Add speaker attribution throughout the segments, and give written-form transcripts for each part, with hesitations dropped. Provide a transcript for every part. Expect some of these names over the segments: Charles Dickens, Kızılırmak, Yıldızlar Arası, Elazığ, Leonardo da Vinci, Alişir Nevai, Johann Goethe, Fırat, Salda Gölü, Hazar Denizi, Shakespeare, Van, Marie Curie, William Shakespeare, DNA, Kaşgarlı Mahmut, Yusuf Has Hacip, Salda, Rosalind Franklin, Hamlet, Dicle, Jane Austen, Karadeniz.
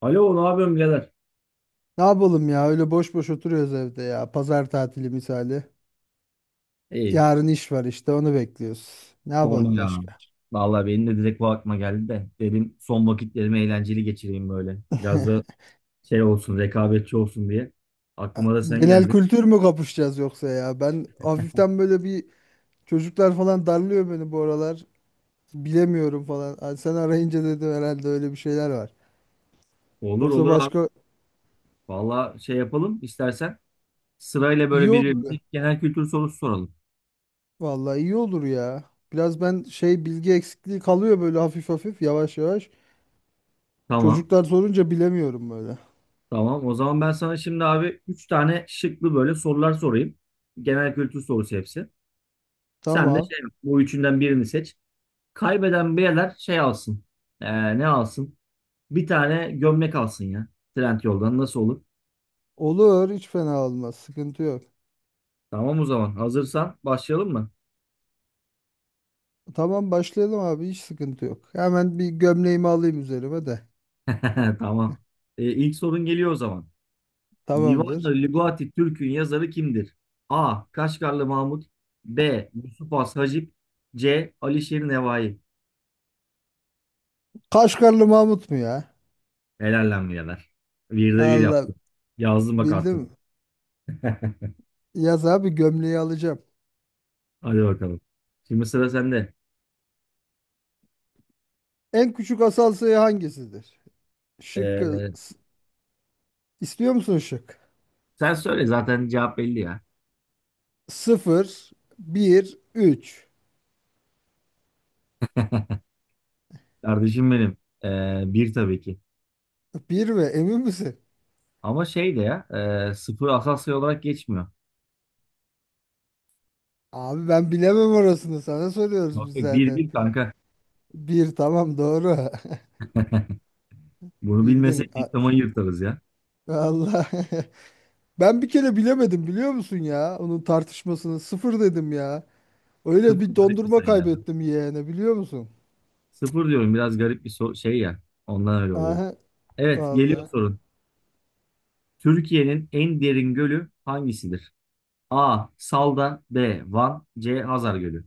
Speaker 1: Alo, ne yapıyorsun birader?
Speaker 2: Ne yapalım ya, öyle boş boş oturuyoruz evde ya. Pazar tatili misali.
Speaker 1: İyi.
Speaker 2: Yarın iş var, işte onu bekliyoruz. Ne
Speaker 1: Sorma
Speaker 2: yapalım
Speaker 1: ya.
Speaker 2: başka?
Speaker 1: Vallahi benim de direkt bu aklıma geldi de. Dedim son vakitlerimi eğlenceli geçireyim böyle. Biraz da şey olsun, rekabetçi olsun diye.
Speaker 2: A-
Speaker 1: Aklıma da sen
Speaker 2: Genel
Speaker 1: geldin.
Speaker 2: kültür mü kapışacağız yoksa ya? Ben hafiften böyle bir çocuklar falan darlıyor beni bu aralar. Bilemiyorum falan. Ay, sen arayınca dedim herhalde öyle bir şeyler var.
Speaker 1: Olur
Speaker 2: Yoksa
Speaker 1: olur abi.
Speaker 2: başka
Speaker 1: Vallahi şey yapalım istersen. Sırayla
Speaker 2: iyi
Speaker 1: böyle
Speaker 2: olur
Speaker 1: birbirimize
Speaker 2: be.
Speaker 1: genel kültür sorusu soralım.
Speaker 2: Vallahi iyi olur ya. Biraz ben bilgi eksikliği kalıyor böyle hafif hafif, yavaş yavaş.
Speaker 1: Tamam.
Speaker 2: Çocuklar sorunca bilemiyorum böyle.
Speaker 1: Tamam. O zaman ben sana şimdi abi 3 tane şıklı böyle sorular sorayım. Genel kültür sorusu hepsi. Sen de
Speaker 2: Tamam.
Speaker 1: şey yap, bu üçünden birini seç. Kaybeden birader şey alsın. Ne alsın? Bir tane gömlek alsın ya. Trendyol'dan nasıl olur?
Speaker 2: Olur, hiç fena olmaz. Sıkıntı yok.
Speaker 1: Tamam o zaman. Hazırsan başlayalım mı?
Speaker 2: Tamam, başlayalım abi, hiç sıkıntı yok. Hemen bir gömleğimi alayım üzerime de.
Speaker 1: Tamam. E, ilk sorun geliyor o zaman.
Speaker 2: Tamamdır.
Speaker 1: Divan-ı Lügati Türk'ün yazarı kimdir? A. Kaşgarlı Mahmut, B. Yusuf Has Hacip, C. Alişir Nevai.
Speaker 2: Kaşgarlı Mahmut mu ya?
Speaker 1: Helal lan birader. Bir de bir yaptım.
Speaker 2: Allah,
Speaker 1: Yazdım bak artık.
Speaker 2: bildim. Yaz abi, gömleği alacağım.
Speaker 1: Hadi bakalım. Şimdi sıra sende.
Speaker 2: En küçük asal sayı hangisidir? Şıkkı
Speaker 1: Ee,
Speaker 2: s- istiyor musun şık?
Speaker 1: sen söyle zaten cevap belli ya.
Speaker 2: Sıfır, bir, üç.
Speaker 1: Kardeşim benim. Bir tabii ki.
Speaker 2: Bir mi? Emin misin?
Speaker 1: Ama şey de ya, sıfır Asasya olarak geçmiyor.
Speaker 2: Abi ben bilemem orasını, sana soruyoruz
Speaker 1: Bak
Speaker 2: biz
Speaker 1: bak, bir
Speaker 2: zaten.
Speaker 1: bir kanka.
Speaker 2: Bir, tamam, doğru.
Speaker 1: Bunu
Speaker 2: Bildin.
Speaker 1: bilmesek diplomayı yırtarız ya.
Speaker 2: Allah. Ben bir kere bilemedim, biliyor musun ya? Onun tartışmasını sıfır dedim ya. Öyle
Speaker 1: Sıfır
Speaker 2: bir
Speaker 1: garip bir
Speaker 2: dondurma
Speaker 1: sayı yani.
Speaker 2: kaybettim yeğene, biliyor musun?
Speaker 1: Sıfır diyorum biraz garip bir şey ya. Ondan öyle oluyor.
Speaker 2: Aha
Speaker 1: Evet, geliyor
Speaker 2: vallahi.
Speaker 1: sorun. Türkiye'nin en derin gölü hangisidir? A. Salda, B. Van, C. Hazar Gölü.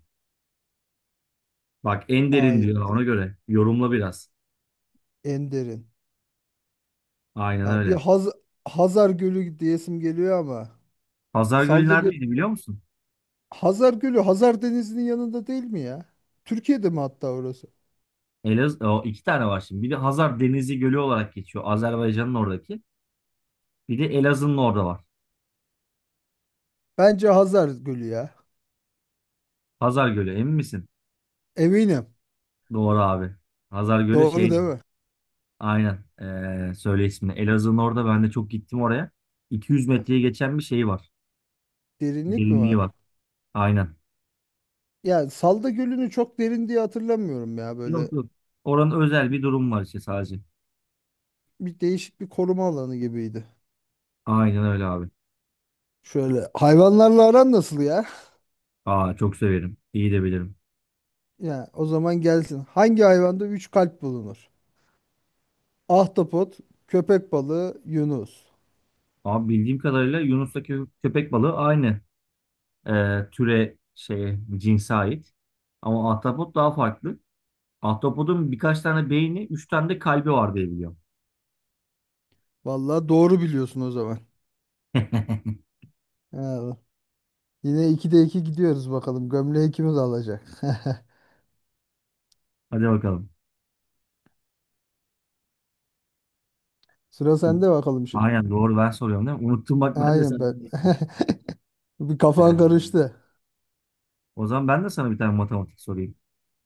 Speaker 1: Bak en derin
Speaker 2: Ay,
Speaker 1: diyor, ona göre yorumla biraz.
Speaker 2: en derin.
Speaker 1: Aynen
Speaker 2: Ya bir
Speaker 1: öyle.
Speaker 2: Haz Hazar Gölü diyesim geliyor ama.
Speaker 1: Hazar Gölü
Speaker 2: Salda Gölü.
Speaker 1: neredeydi biliyor musun?
Speaker 2: Hazar Gölü Hazar Denizi'nin yanında değil mi ya? Türkiye'de mi hatta orası?
Speaker 1: O iki tane var şimdi. Bir de Hazar Denizi Gölü olarak geçiyor, Azerbaycan'ın oradaki. Bir de Elazığ'ın orada var.
Speaker 2: Bence Hazar Gölü ya.
Speaker 1: Hazar Gölü, emin misin?
Speaker 2: Eminim.
Speaker 1: Doğru abi. Hazar Gölü.
Speaker 2: Doğru değil mi?
Speaker 1: Aynen. Söyle ismini. Elazığ'ın orada, ben de çok gittim oraya. 200 metreye geçen bir şey var.
Speaker 2: Derinlik mi
Speaker 1: Derinliği var.
Speaker 2: var?
Speaker 1: Aynen.
Speaker 2: Yani Salda Gölü'nü çok derin diye hatırlamıyorum ya
Speaker 1: Yok
Speaker 2: böyle.
Speaker 1: yok. Oranın özel bir durum var işte sadece.
Speaker 2: Bir değişik bir koruma alanı gibiydi.
Speaker 1: Aynen öyle abi.
Speaker 2: Şöyle hayvanlarla aran nasıl ya?
Speaker 1: Aa, çok severim. İyi de bilirim.
Speaker 2: Ya o zaman gelsin. Hangi hayvanda 3 kalp bulunur? Ahtapot, köpek balığı, yunus.
Speaker 1: Abi, bildiğim kadarıyla Yunus'taki köpek balığı aynı türe, şeye, cinse ait. Ama ahtapot daha farklı. Ahtapotun birkaç tane beyni, üç tane de kalbi var diye biliyorum.
Speaker 2: Vallahi doğru biliyorsun o zaman. Ha, yine 2'de 2 gidiyoruz bakalım. Gömleği kimiz alacak?
Speaker 1: Hadi bakalım.
Speaker 2: Sıra
Speaker 1: Şimdi-
Speaker 2: sende bakalım şimdi.
Speaker 1: Aynen, doğru, ben soruyorum değil mi? Unuttum bak ben de
Speaker 2: Aynen
Speaker 1: senden.
Speaker 2: ben. Bir kafan
Speaker 1: Ee,
Speaker 2: karıştı.
Speaker 1: o zaman ben de sana bir tane matematik sorayım.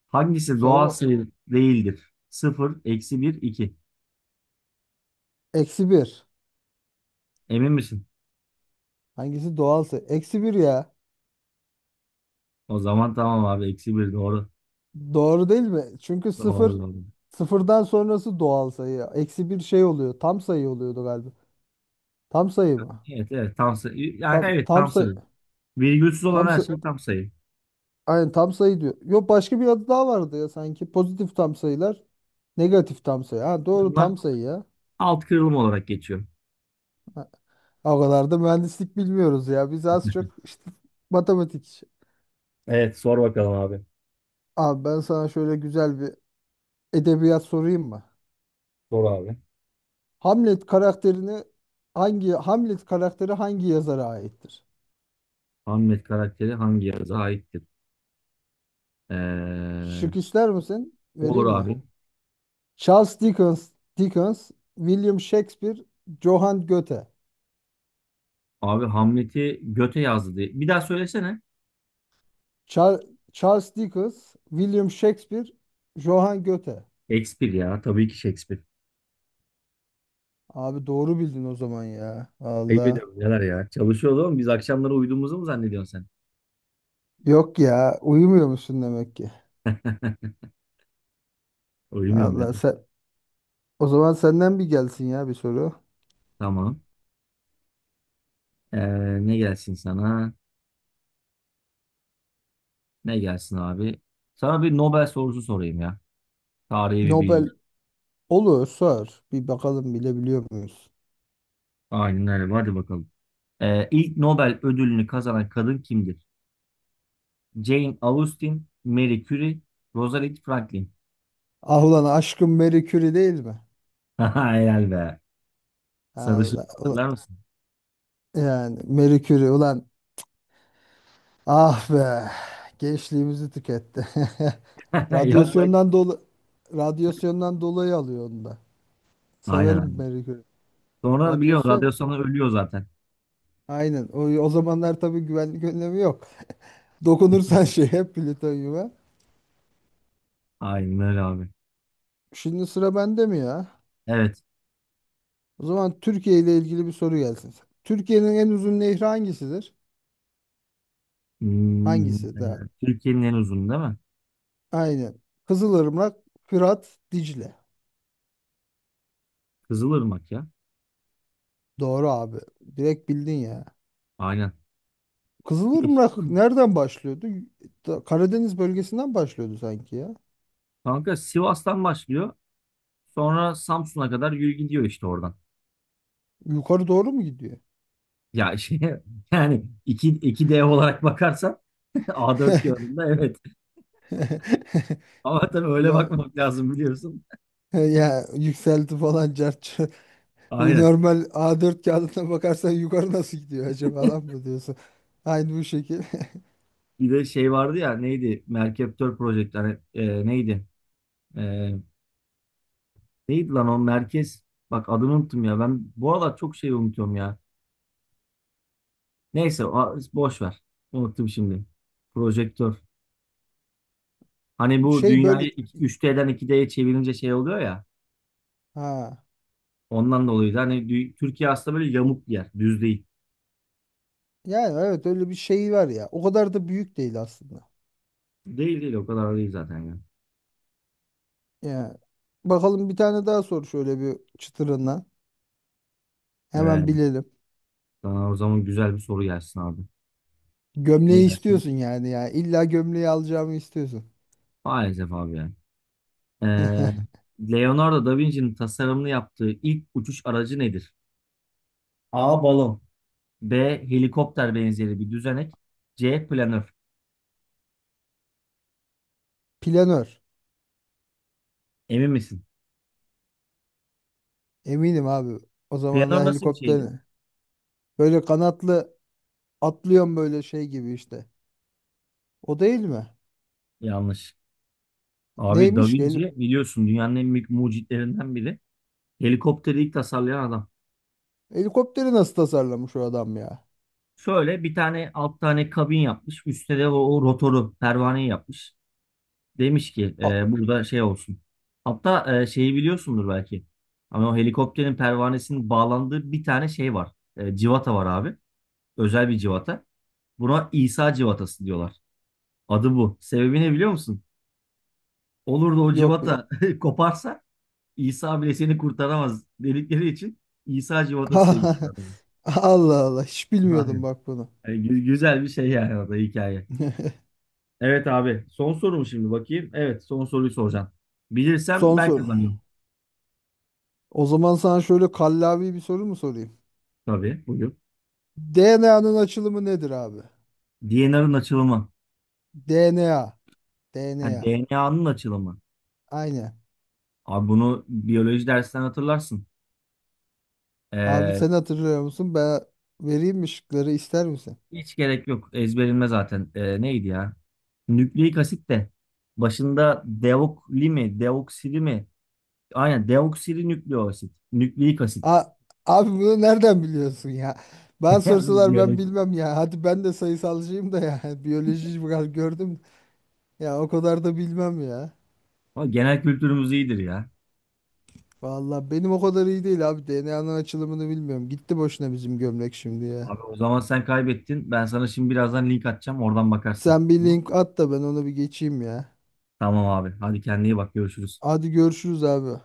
Speaker 1: Hangisi doğal
Speaker 2: Sorma.
Speaker 1: sayı değildir? 0, eksi 1, 2.
Speaker 2: Eksi bir.
Speaker 1: Emin misin?
Speaker 2: Hangisi doğalsa? Eksi bir ya.
Speaker 1: O zaman tamam abi, eksi 1 doğru.
Speaker 2: Doğru değil mi? Çünkü sıfır
Speaker 1: Doğru doğru.
Speaker 2: sıfırdan sonrası doğal sayı. Eksi bir şey oluyor. Tam sayı oluyordu galiba. Tam sayı mı?
Speaker 1: Evet evet, tam sayı. Yani
Speaker 2: Tam,
Speaker 1: evet,
Speaker 2: tam
Speaker 1: tam
Speaker 2: sayı.
Speaker 1: sayı. Virgülsüz olan
Speaker 2: Tam
Speaker 1: her
Speaker 2: sayı.
Speaker 1: şey tam sayı.
Speaker 2: Aynen tam sayı diyor. Yok başka bir adı daha vardı ya sanki. Pozitif tam sayılar. Negatif tam sayı. Ha, doğru,
Speaker 1: Bunlar
Speaker 2: tam sayı ya.
Speaker 1: alt kırılım olarak geçiyor.
Speaker 2: Ha, o kadar da mühendislik bilmiyoruz ya. Biz az çok işte matematik.
Speaker 1: Evet, sor bakalım abi.
Speaker 2: Abi ben sana şöyle güzel bir edebiyat sorayım mı?
Speaker 1: Sor abi.
Speaker 2: Hamlet karakterini Hamlet karakteri hangi yazara aittir?
Speaker 1: Hamlet karakteri hangi yazıya aittir? Ee,
Speaker 2: Şık ister misin?
Speaker 1: olur
Speaker 2: Vereyim mi?
Speaker 1: abi.
Speaker 2: Charles Dickens, William Shakespeare, Johann Goethe.
Speaker 1: Abi Hamlet'i göte yazdı diye? Bir daha söylesene.
Speaker 2: Char- Charles Dickens, William Shakespeare, Johann Goethe.
Speaker 1: Shakespeare ya. Tabii ki Shakespeare.
Speaker 2: Abi doğru bildin o zaman ya.
Speaker 1: Ayıp
Speaker 2: Allah.
Speaker 1: ediyorum neler ya. Çalışıyoruz ama, biz akşamları uyuduğumuzu mu zannediyorsun
Speaker 2: Yok ya, uyumuyor musun demek ki?
Speaker 1: sen? Uyumuyorum ya.
Speaker 2: Allah, sen o zaman senden bir gelsin ya bir soru.
Speaker 1: Tamam. Ne gelsin sana? Ne gelsin abi? Sana bir Nobel sorusu sorayım ya. Tarihi bir bilgi.
Speaker 2: Nobel, olur sor. Bir bakalım bilebiliyor muyuz?
Speaker 1: Aynen öyle. Hadi bakalım. İlk Nobel ödülünü kazanan kadın kimdir? Jane Austen, Marie Curie, Rosalind Franklin.
Speaker 2: Ah ulan aşkım, Marie Curie değil mi?
Speaker 1: Helal be. Sarışın,
Speaker 2: Allah
Speaker 1: hatırlar
Speaker 2: ula-
Speaker 1: mısın?
Speaker 2: yani Marie Curie ulan, ah be, gençliğimizi tüketti.
Speaker 1: Yok, ha, lan.
Speaker 2: Radyasyondan dolu radyasyondan dolayı alıyor onu da.
Speaker 1: Aynen
Speaker 2: Severim
Speaker 1: abi.
Speaker 2: Marie Curie'yi.
Speaker 1: Sonra biliyor,
Speaker 2: Radyosu
Speaker 1: radyasyonla ölüyor zaten.
Speaker 2: aynen. O zamanlar tabii güvenlik önlemi yok. Dokunursan şey hep plütonyuma.
Speaker 1: Aynen öyle abi.
Speaker 2: Şimdi sıra bende mi ya?
Speaker 1: Evet.
Speaker 2: O zaman Türkiye ile ilgili bir soru gelsin. Türkiye'nin en uzun nehri hangisidir?
Speaker 1: Hmm,
Speaker 2: Hangisi
Speaker 1: e,
Speaker 2: daha?
Speaker 1: Türkiye'nin en uzun, değil mi?
Speaker 2: Aynen. Kızılırmak, Fırat, Dicle.
Speaker 1: Kızılırmak ya.
Speaker 2: Doğru abi. Direkt bildin ya.
Speaker 1: Aynen. Yeşil
Speaker 2: Kızılırmak
Speaker 1: mi?
Speaker 2: nereden başlıyordu? Karadeniz bölgesinden başlıyordu sanki ya.
Speaker 1: Kanka Sivas'tan başlıyor. Sonra Samsun'a kadar yürü gidiyor işte oradan.
Speaker 2: Yukarı doğru mu gidiyor?
Speaker 1: Ya şey, yani iki dev olarak bakarsan, A4 kağıdında evet. Ama tabii öyle
Speaker 2: Ya,
Speaker 1: bakmamak lazım, biliyorsun.
Speaker 2: ya yükselti falan cart.
Speaker 1: Aynen.
Speaker 2: Normal A4 kağıdına bakarsan yukarı nasıl gidiyor acaba lan mı diyorsun. Aynı bu şekil.
Speaker 1: Bir de şey vardı ya, neydi? Merkeptör Project, hani, neydi? E, Neydi lan o merkez? Bak, adını unuttum ya. Ben bu aralar çok şey unutuyorum ya. Neyse, boş ver. Unuttum şimdi. Projektör. Hani bu
Speaker 2: Şey böyle,
Speaker 1: dünyayı 3D'den 2D'ye çevirince şey oluyor ya.
Speaker 2: ha.
Speaker 1: Ondan dolayı da hani Türkiye aslında böyle yamuk bir yer, düz değil.
Speaker 2: Yani evet öyle bir şey var ya. O kadar da büyük değil aslında.
Speaker 1: Değil değil, o kadar değil zaten ya.
Speaker 2: Yani bakalım, bir tane daha sor şöyle bir çıtırından. Hemen
Speaker 1: Evet.
Speaker 2: bilelim.
Speaker 1: Sana o zaman güzel bir soru gelsin abi. Ne
Speaker 2: Gömleği
Speaker 1: gelsin?
Speaker 2: istiyorsun yani ya. İlla gömleği alacağımı istiyorsun.
Speaker 1: Maalesef abi yani. Ee, Leonardo da Vinci'nin tasarımını yaptığı ilk uçuş aracı nedir? A. Balon. B. Helikopter benzeri bir düzenek. C. Planör.
Speaker 2: Planör.
Speaker 1: Emin misin?
Speaker 2: Eminim abi. O zaman
Speaker 1: Planör
Speaker 2: da
Speaker 1: nasıl bir şeydi?
Speaker 2: helikopterin. Böyle kanatlı atlıyorsun böyle şey gibi işte. O değil mi?
Speaker 1: Yanlış. Abi, Da
Speaker 2: Neymiş ki?
Speaker 1: Vinci biliyorsun, dünyanın en büyük mucitlerinden biri. Helikopteri ilk tasarlayan adam.
Speaker 2: Helikopteri nasıl tasarlamış o adam ya?
Speaker 1: Şöyle bir tane alt tane kabin yapmış. Üstte de o rotoru, pervaneyi yapmış. Demiş ki
Speaker 2: A-
Speaker 1: burada şey olsun. Hatta şeyi biliyorsundur belki. Ama o helikopterin pervanesinin bağlandığı bir tane şey var. Civata var abi. Özel bir civata. Buna İsa civatası diyorlar. Adı bu. Sebebi ne biliyor musun? Olur da o
Speaker 2: yok benim.
Speaker 1: civata koparsa, İsa bile seni kurtaramaz dedikleri için İsa civatası demişler
Speaker 2: Allah
Speaker 1: adamı.
Speaker 2: Allah, hiç bilmiyordum
Speaker 1: Aynen.
Speaker 2: bak bunu.
Speaker 1: Yani güzel bir şey yani o hikaye. Evet abi. Son soru mu şimdi, bakayım? Evet, son soruyu soracağım. Bilirsem
Speaker 2: Son
Speaker 1: ben
Speaker 2: soru.
Speaker 1: kazanıyorum.
Speaker 2: O zaman sana şöyle kallavi bir soru mu sorayım?
Speaker 1: Tabii, buyur.
Speaker 2: DNA'nın açılımı nedir abi?
Speaker 1: DNA'nın açılımı.
Speaker 2: DNA.
Speaker 1: Ha,
Speaker 2: DNA.
Speaker 1: DNA'nın açılımı.
Speaker 2: Aynen.
Speaker 1: Abi bunu biyoloji dersinden hatırlarsın.
Speaker 2: Abi
Speaker 1: Ee,
Speaker 2: sen hatırlıyor musun? Ben vereyim mi şıkları, ister misin?
Speaker 1: Hiç gerek yok. Ezberilme zaten. Neydi ya? Nükleik asit de. Başında deokli mi? Deoksili mi? Aynen, deoksili nükleik asit. Nükleik asit.
Speaker 2: A, abi bunu nereden biliyorsun ya? Ben
Speaker 1: Yani
Speaker 2: sorsalar ben
Speaker 1: biyoloji.
Speaker 2: bilmem ya. Hadi ben de sayısalcıyım da ya. Biyoloji biraz gördüm. Ya o kadar da bilmem ya.
Speaker 1: Ama genel kültürümüz iyidir ya.
Speaker 2: Vallahi benim o kadar iyi değil abi. DNA'nın açılımını bilmiyorum. Gitti boşuna bizim gömlek şimdi ya.
Speaker 1: Abi, o zaman sen kaybettin. Ben sana şimdi birazdan link atacağım, oradan bakarsın.
Speaker 2: Sen bir
Speaker 1: Tamam.
Speaker 2: link at da ben onu bir geçeyim ya.
Speaker 1: Tamam abi. Hadi, kendine iyi bak. Görüşürüz.
Speaker 2: Hadi görüşürüz abi.